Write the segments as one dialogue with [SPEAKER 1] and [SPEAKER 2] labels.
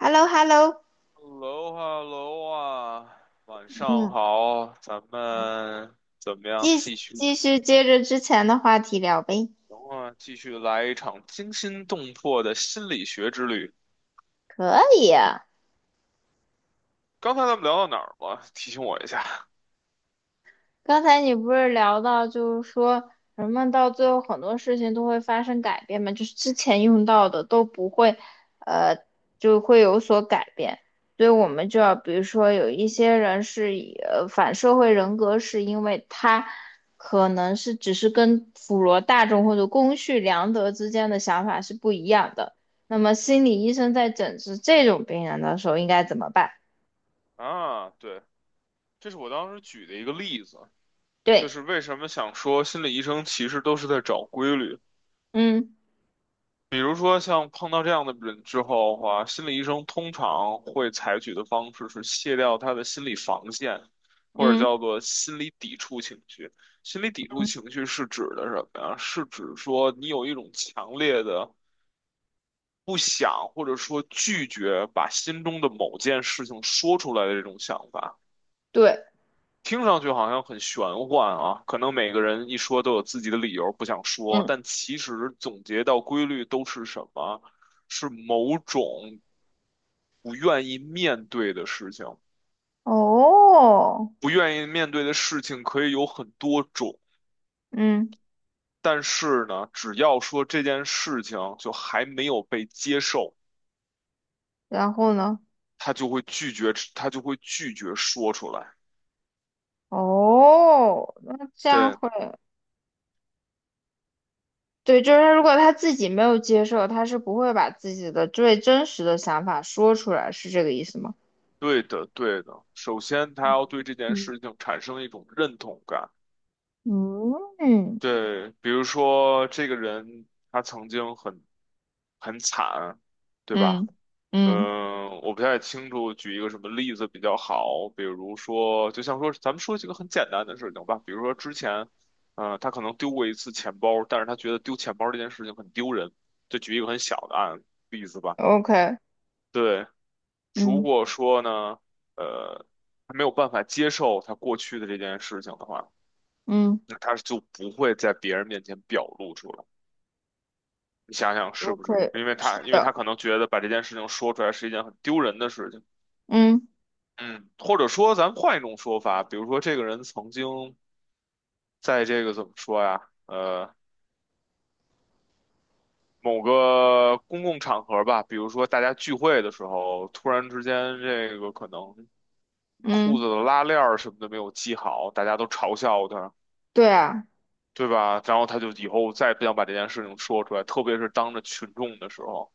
[SPEAKER 1] h e l l o h e l l o
[SPEAKER 2] h e l l o h e l l o 啊，晚上
[SPEAKER 1] 嗯，
[SPEAKER 2] 好，咱们怎么样？
[SPEAKER 1] 继
[SPEAKER 2] 继续，
[SPEAKER 1] 继续接着之前的话题聊呗。
[SPEAKER 2] 行啊，继续来一场惊心动魄的心理学之旅。刚才咱们聊到哪儿了？提醒我一下
[SPEAKER 1] 刚才你不是聊到，就是说人们到最后很多事情都会发生改变嘛，就是之前用到的都不会，呃，就会有所改变。所以我们就要，比如说有一些人是以反社会人格，是因为他可能是只是跟普罗大众或者公序良德之间的想法是不一样的。那么心理医生在诊治这种病人的时候应该怎么办？
[SPEAKER 2] 啊。对，这是我当时举的一个例子，就
[SPEAKER 1] 对，
[SPEAKER 2] 是为什么想说心理医生其实都是在找规律。
[SPEAKER 1] 嗯
[SPEAKER 2] 比如说像碰到这样的人之后的话，心理医生通常会采取的方式是卸掉他的心理防线，或者
[SPEAKER 1] 嗯，
[SPEAKER 2] 叫做心理抵触情绪。心理抵触情绪是指的什么呀？是指说你有一种强烈的不想或者说拒绝把心中的某件事情说出来的这种想法。
[SPEAKER 1] 对。
[SPEAKER 2] 听上去好像很玄幻啊，可能每个人一说都有自己的理由不想说，
[SPEAKER 1] 嗯。
[SPEAKER 2] 但其实总结到规律都是什么？是某种不愿意面对的事情。
[SPEAKER 1] 哦，
[SPEAKER 2] 不愿意面对的事情可以有很多种，
[SPEAKER 1] 嗯，
[SPEAKER 2] 但是呢，只要说这件事情就还没有被接受，
[SPEAKER 1] 然后呢？
[SPEAKER 2] 他就会拒绝，他就会拒绝说出来。
[SPEAKER 1] 哦，那这样
[SPEAKER 2] 对，
[SPEAKER 1] 会，对，就是如果他自己没有接受，他是不会把自己的最真实的想法说出来，是这个意思吗？
[SPEAKER 2] 对的，对的。首先，他要对这件
[SPEAKER 1] 嗯，
[SPEAKER 2] 事情产生一种认同感。
[SPEAKER 1] 嗯嗯
[SPEAKER 2] 对，比如说这个人他曾经很惨，对
[SPEAKER 1] 嗯
[SPEAKER 2] 吧？
[SPEAKER 1] 嗯
[SPEAKER 2] 嗯，我不太清楚，举一个什么例子比较好？比如说，就像说，咱们说几个很简单的事情吧。比如说之前，他可能丢过一次钱包，但是他觉得丢钱包这件事情很丢人。就举一个很小的例子吧。
[SPEAKER 1] o k
[SPEAKER 2] 对，如
[SPEAKER 1] 嗯
[SPEAKER 2] 果说呢，呃，他没有办法接受他过去的这件事情的话，
[SPEAKER 1] 嗯
[SPEAKER 2] 那他就不会在别人面前表露出来。你想想是不是？
[SPEAKER 1] ，OK，
[SPEAKER 2] 因为他，
[SPEAKER 1] 是
[SPEAKER 2] 因为他
[SPEAKER 1] 的，
[SPEAKER 2] 可能觉得把这件事情说出来是一件很丢人的事情。
[SPEAKER 1] 嗯
[SPEAKER 2] 嗯，或者说，咱们换一种说法，比如说，这个人曾经在这个怎么说呀？某个公共场合吧，比如说大家聚会的时候，突然之间，这个可能裤
[SPEAKER 1] 嗯，
[SPEAKER 2] 子的拉链儿什么的没有系好，大家都嘲笑他，
[SPEAKER 1] 对啊，
[SPEAKER 2] 对吧？然后他就以后再也不想把这件事情说出来，特别是当着群众的时候。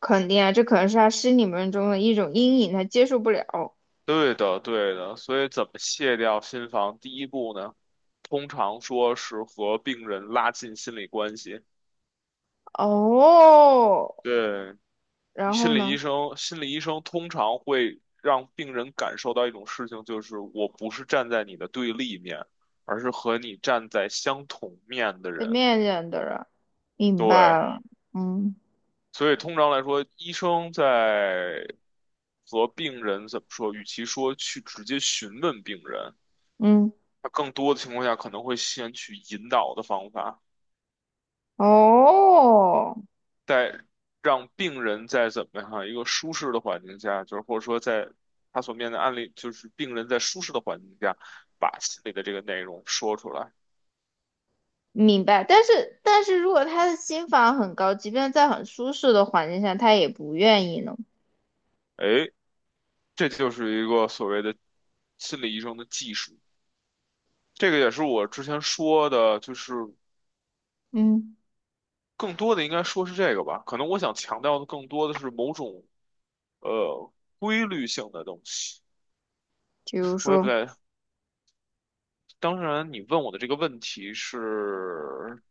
[SPEAKER 1] 肯定啊，这可能是他心里面中的一种阴影，他接受不了。
[SPEAKER 2] 对的，对的，所以怎么卸掉心防？第一步呢，通常说是和病人拉近心理关系。
[SPEAKER 1] 哦，
[SPEAKER 2] 对，
[SPEAKER 1] 然
[SPEAKER 2] 心
[SPEAKER 1] 后
[SPEAKER 2] 理医
[SPEAKER 1] 呢？
[SPEAKER 2] 生，心理医生通常会让病人感受到一种事情，就是我不是站在你的对立面，而是和你站在相同面的
[SPEAKER 1] 被
[SPEAKER 2] 人。
[SPEAKER 1] 面见的人。明白
[SPEAKER 2] 对，
[SPEAKER 1] 了，嗯
[SPEAKER 2] 所以通常来说，医生在和病人怎么说？与其说去直接询问病人。
[SPEAKER 1] 嗯，
[SPEAKER 2] 他更多的情况下可能会先去引导的方法，
[SPEAKER 1] 哦，
[SPEAKER 2] 再让病人在怎么样一个舒适的环境下，就是或者说在他所面对的案例，就是病人在舒适的环境下把心里的这个内容说出来。
[SPEAKER 1] 明白。但是，但是如果他的心房很高，即便在很舒适的环境下，他也不愿意呢。
[SPEAKER 2] 哎，这就是一个所谓的心理医生的技术。这个也是我之前说的，就是
[SPEAKER 1] 嗯，
[SPEAKER 2] 更多的应该说是这个吧。可能我想强调的更多的是某种呃规律性的东西。
[SPEAKER 1] 比如
[SPEAKER 2] 我也不
[SPEAKER 1] 说，
[SPEAKER 2] 太，当然，你问我的这个问题是，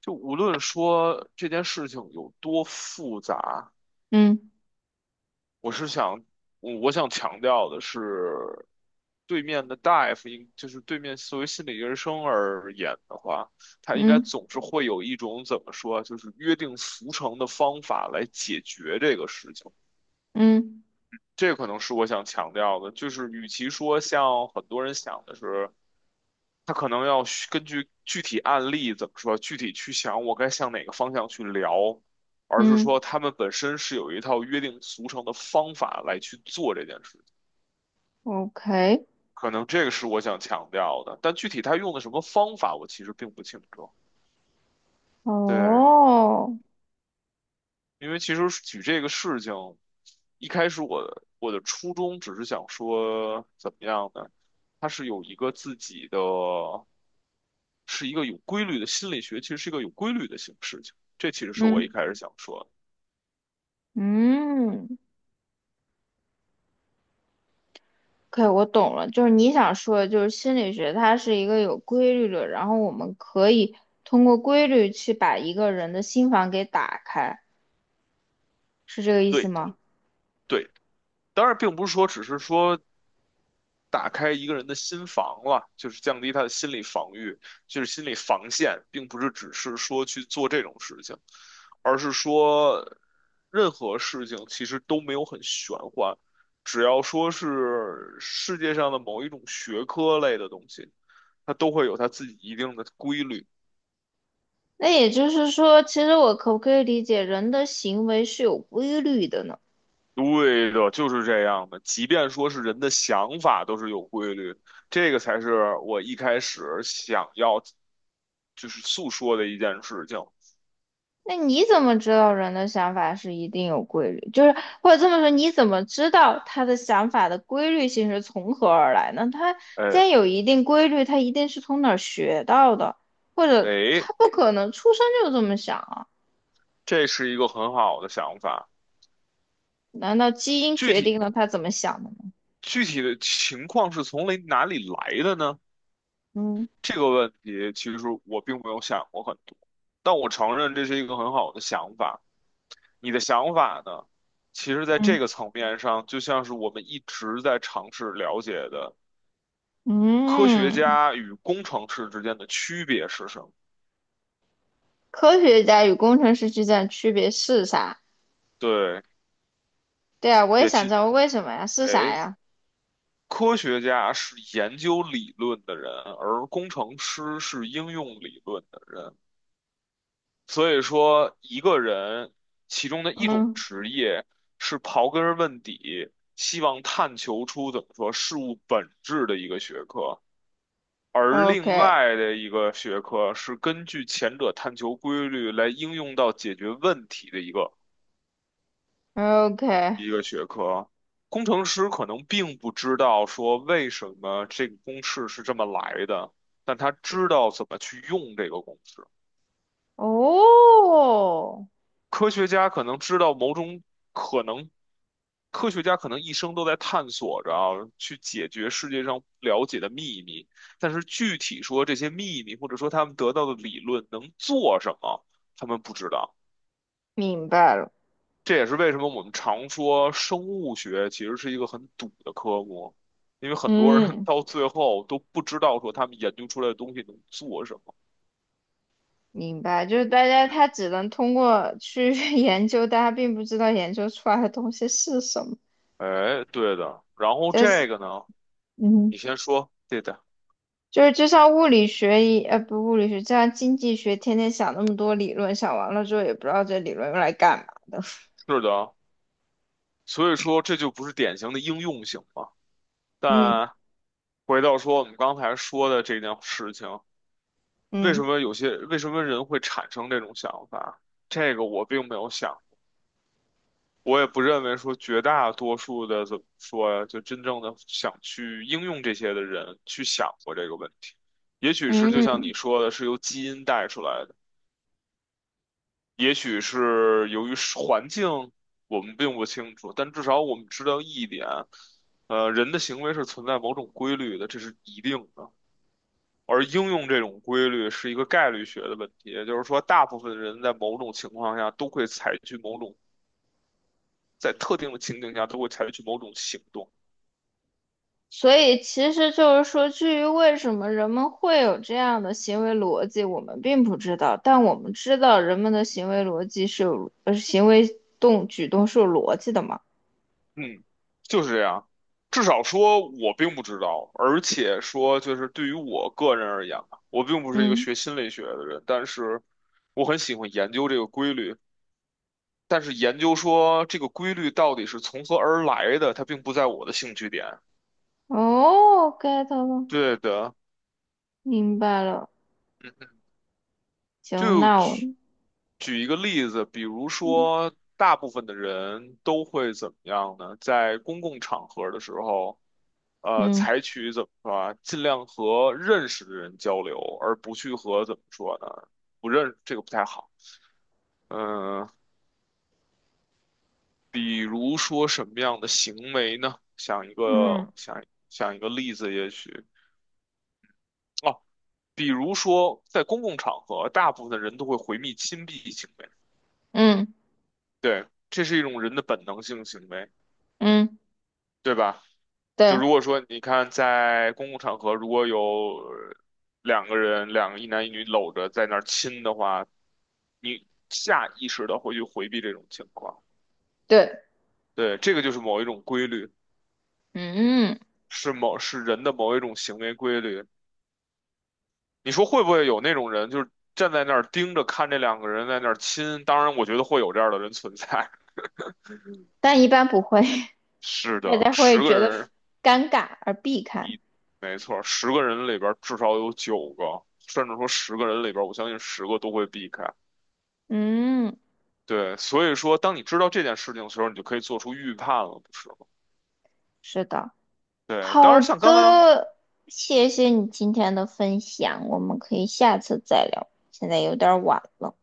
[SPEAKER 2] 就无论说这件事情有多复杂，
[SPEAKER 1] 嗯
[SPEAKER 2] 我是想，我想强调的是，对面的大夫应，就是对面作为心理医生而言的话，他应该
[SPEAKER 1] 嗯
[SPEAKER 2] 总是会有一种怎么说，就是约定俗成的方法来解决这个事情。
[SPEAKER 1] 嗯
[SPEAKER 2] 这可能是我想强调的，就是与其说像很多人想的是。他可能需根据具体案例怎么说，具体去想我该向哪个方向去聊，而是
[SPEAKER 1] 嗯
[SPEAKER 2] 说他们本身是有一套约定俗成的方法来去做这件事情。
[SPEAKER 1] ，OK，
[SPEAKER 2] 可能这个是我想强调的，但具体他用的什么方法，我其实并不清楚。对，
[SPEAKER 1] 哦，
[SPEAKER 2] 因为其实举这个事情，一开始我的初衷只是想说，怎么样呢？它是有一个自己的。是一个有规律的心理学，其实是一个有规律的形事情。这其实是我一
[SPEAKER 1] 嗯
[SPEAKER 2] 开始想说的，
[SPEAKER 1] 嗯，OK，我懂了。就是你想说的，就是心理学它是一个有规律的，然后我们可以通过规律去把一个人的心房给打开，是这个意思
[SPEAKER 2] 对的，
[SPEAKER 1] 吗？
[SPEAKER 2] 对的。当然，并不是说只是说打开一个人的心房了，就是降低他的心理防御，就是心理防线，并不是只是说去做这种事情，而是说任何事情其实都没有很玄幻，只要说是世界上的某一种学科类的东西，它都会有它自己一定的规律。
[SPEAKER 1] 那也就是说，其实我可不可以理解人的行为是有规律的呢？
[SPEAKER 2] 对的，就是这样的。即便说是人的想法都是有规律，这个才是我一开始想要就是诉说的一件事情。
[SPEAKER 1] 那你怎么知道人的想法是一定有规律？就是或者这么说，你怎么知道他的想法的规律性是从何而来呢？他既
[SPEAKER 2] 哎
[SPEAKER 1] 然有一定规律，他一定是从哪儿学到的，或者
[SPEAKER 2] 哎，
[SPEAKER 1] 他不可能出生就这么想啊？
[SPEAKER 2] 这是一个很好的想法。
[SPEAKER 1] 难道基因
[SPEAKER 2] 具
[SPEAKER 1] 决
[SPEAKER 2] 体
[SPEAKER 1] 定了他怎么想的吗？
[SPEAKER 2] 具体的情况是从哪里来的呢？
[SPEAKER 1] 嗯
[SPEAKER 2] 这个问题其实我并没有想过很多，但我承认这是一个很好的想法。你的想法呢？其实，在这
[SPEAKER 1] 嗯，
[SPEAKER 2] 个层面上，就像是我们一直在尝试了解的。科学
[SPEAKER 1] 嗯，
[SPEAKER 2] 家与工程师之间的区别是什么？
[SPEAKER 1] 科学家与工程师之间的区别是啥？
[SPEAKER 2] 对，
[SPEAKER 1] 对啊，我也
[SPEAKER 2] 也
[SPEAKER 1] 想知
[SPEAKER 2] 其，
[SPEAKER 1] 道为什么呀？是啥
[SPEAKER 2] 哎，
[SPEAKER 1] 呀？
[SPEAKER 2] 科学家是研究理论的人，而工程师是应用理论的人。所以说，一个人其中的一种
[SPEAKER 1] 嗯
[SPEAKER 2] 职业是刨根问底，希望探求出怎么说事物本质的一个学科。而
[SPEAKER 1] ，OK
[SPEAKER 2] 另外的一个学科是根据前者探求规律来应用到解决问题的一个。
[SPEAKER 1] OK，
[SPEAKER 2] 工程师可能并不知道说为什么这个公式是这么来的，但他知道怎么去用这个公式。
[SPEAKER 1] 哦，
[SPEAKER 2] 科学家可能知道某种。可能，科学家可能一生都在探索着啊，去解决世界上不了解的秘密。但是具体说这些秘密，或者说他们得到的理论能做什么，他们不知道。
[SPEAKER 1] 明白了，
[SPEAKER 2] 这也是为什么我们常说生物学其实是一个很赌的科目，因为很多人
[SPEAKER 1] 嗯，
[SPEAKER 2] 到最后都不知道说他们研究出来的东西能做什么。
[SPEAKER 1] 明白，就是大家他只能通过去 研究，但他并不知道研究出来的东西是什么，
[SPEAKER 2] 哎，对的。然后
[SPEAKER 1] 就是
[SPEAKER 2] 这个呢，
[SPEAKER 1] 嗯，
[SPEAKER 2] 你先说，对的，
[SPEAKER 1] 就是就像物理学不物理学，就像经济学，天天想那么多理论，想完了之后也不知道这理论用来干嘛的，
[SPEAKER 2] 是的。所以说这就不是典型的应用型嘛。
[SPEAKER 1] 嗯
[SPEAKER 2] 但回到说我们刚才说的这件事情，为什
[SPEAKER 1] 嗯
[SPEAKER 2] 么人会产生这种想法？这个我并没有想。我也不认为说绝大多数的怎么说呀，就真正的想去应用这些的人去想过这个问题。也许是
[SPEAKER 1] 嗯。
[SPEAKER 2] 就像你
[SPEAKER 1] 嗯
[SPEAKER 2] 说的，是由基因带出来的，也许是由于是环境，我们并不清楚，但至少我们知道一点，人的行为是存在某种规律的，这是一定的。而应用这种规律是一个概率学的问题，也就是说，大部分人在某种情况下都会采取某种，在特定的情景下都会采取某种行动。
[SPEAKER 1] 所以其实就是说，至于为什么人们会有这样的行为逻辑，我们并不知道，但我们知道人们的行为逻辑是有，行为举动是有逻辑的嘛。
[SPEAKER 2] 嗯，就是这样。至少说，我并不知道，而且说，就是对于我个人而言吧，我并不是一个
[SPEAKER 1] 嗯，
[SPEAKER 2] 学心理学的人，但是我很喜欢研究这个规律。但是研究说这个规律到底是从何而来的，它并不在我的兴趣点。
[SPEAKER 1] 哦，get 了，
[SPEAKER 2] 对的，
[SPEAKER 1] 明白了。
[SPEAKER 2] 嗯
[SPEAKER 1] 行，
[SPEAKER 2] 就
[SPEAKER 1] 那我，
[SPEAKER 2] 举举一个例子，比如
[SPEAKER 1] 嗯
[SPEAKER 2] 说，大部分的人都会怎么样呢？在公共场合的时候，
[SPEAKER 1] 嗯
[SPEAKER 2] 采取怎么说啊，尽量和认识的人交流，而不去和怎么说呢，不认，这个不太好。嗯、比如说什么样的行为呢？
[SPEAKER 1] 嗯，
[SPEAKER 2] 想想一个例子，也许哦，比如说在公共场合，大部分的人都会回避亲密行为。
[SPEAKER 1] 嗯
[SPEAKER 2] 对，这是一种人的本能性行为，
[SPEAKER 1] 嗯，
[SPEAKER 2] 对吧？就如
[SPEAKER 1] 对
[SPEAKER 2] 果说你看在公共场合，如果有两个人，两个一男一女搂着在那儿亲的话，你下意识的会去回避这种情况。
[SPEAKER 1] 对，
[SPEAKER 2] 对，这个就是某一种规律，
[SPEAKER 1] 嗯，
[SPEAKER 2] 是人的某一种行为规律。你说会不会有那种人，就是站在那儿盯着看这两个人在那儿亲？当然，我觉得会有这样的人存在。
[SPEAKER 1] 但一般不会，
[SPEAKER 2] 是
[SPEAKER 1] 大
[SPEAKER 2] 的，
[SPEAKER 1] 家
[SPEAKER 2] 十
[SPEAKER 1] 会
[SPEAKER 2] 个
[SPEAKER 1] 觉得
[SPEAKER 2] 人。
[SPEAKER 1] 尴尬而避开。
[SPEAKER 2] 没错，十个人里边儿至少有9个，甚至说十个人里边儿我相信十个都会避开。
[SPEAKER 1] 嗯，
[SPEAKER 2] 对，所以说，当你知道这件事情的时候，你就可以做出预判了，不是吗？
[SPEAKER 1] 是的。
[SPEAKER 2] 对，当
[SPEAKER 1] 好
[SPEAKER 2] 然像刚刚。
[SPEAKER 1] 的，谢谢你今天的分享，我们可以下次再聊，现在有点晚了。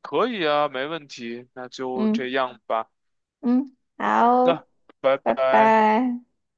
[SPEAKER 2] 可以啊，没问题，那就
[SPEAKER 1] 嗯
[SPEAKER 2] 这样吧。
[SPEAKER 1] 嗯，
[SPEAKER 2] 好
[SPEAKER 1] 好，
[SPEAKER 2] 的，拜
[SPEAKER 1] 拜
[SPEAKER 2] 拜。
[SPEAKER 1] 拜。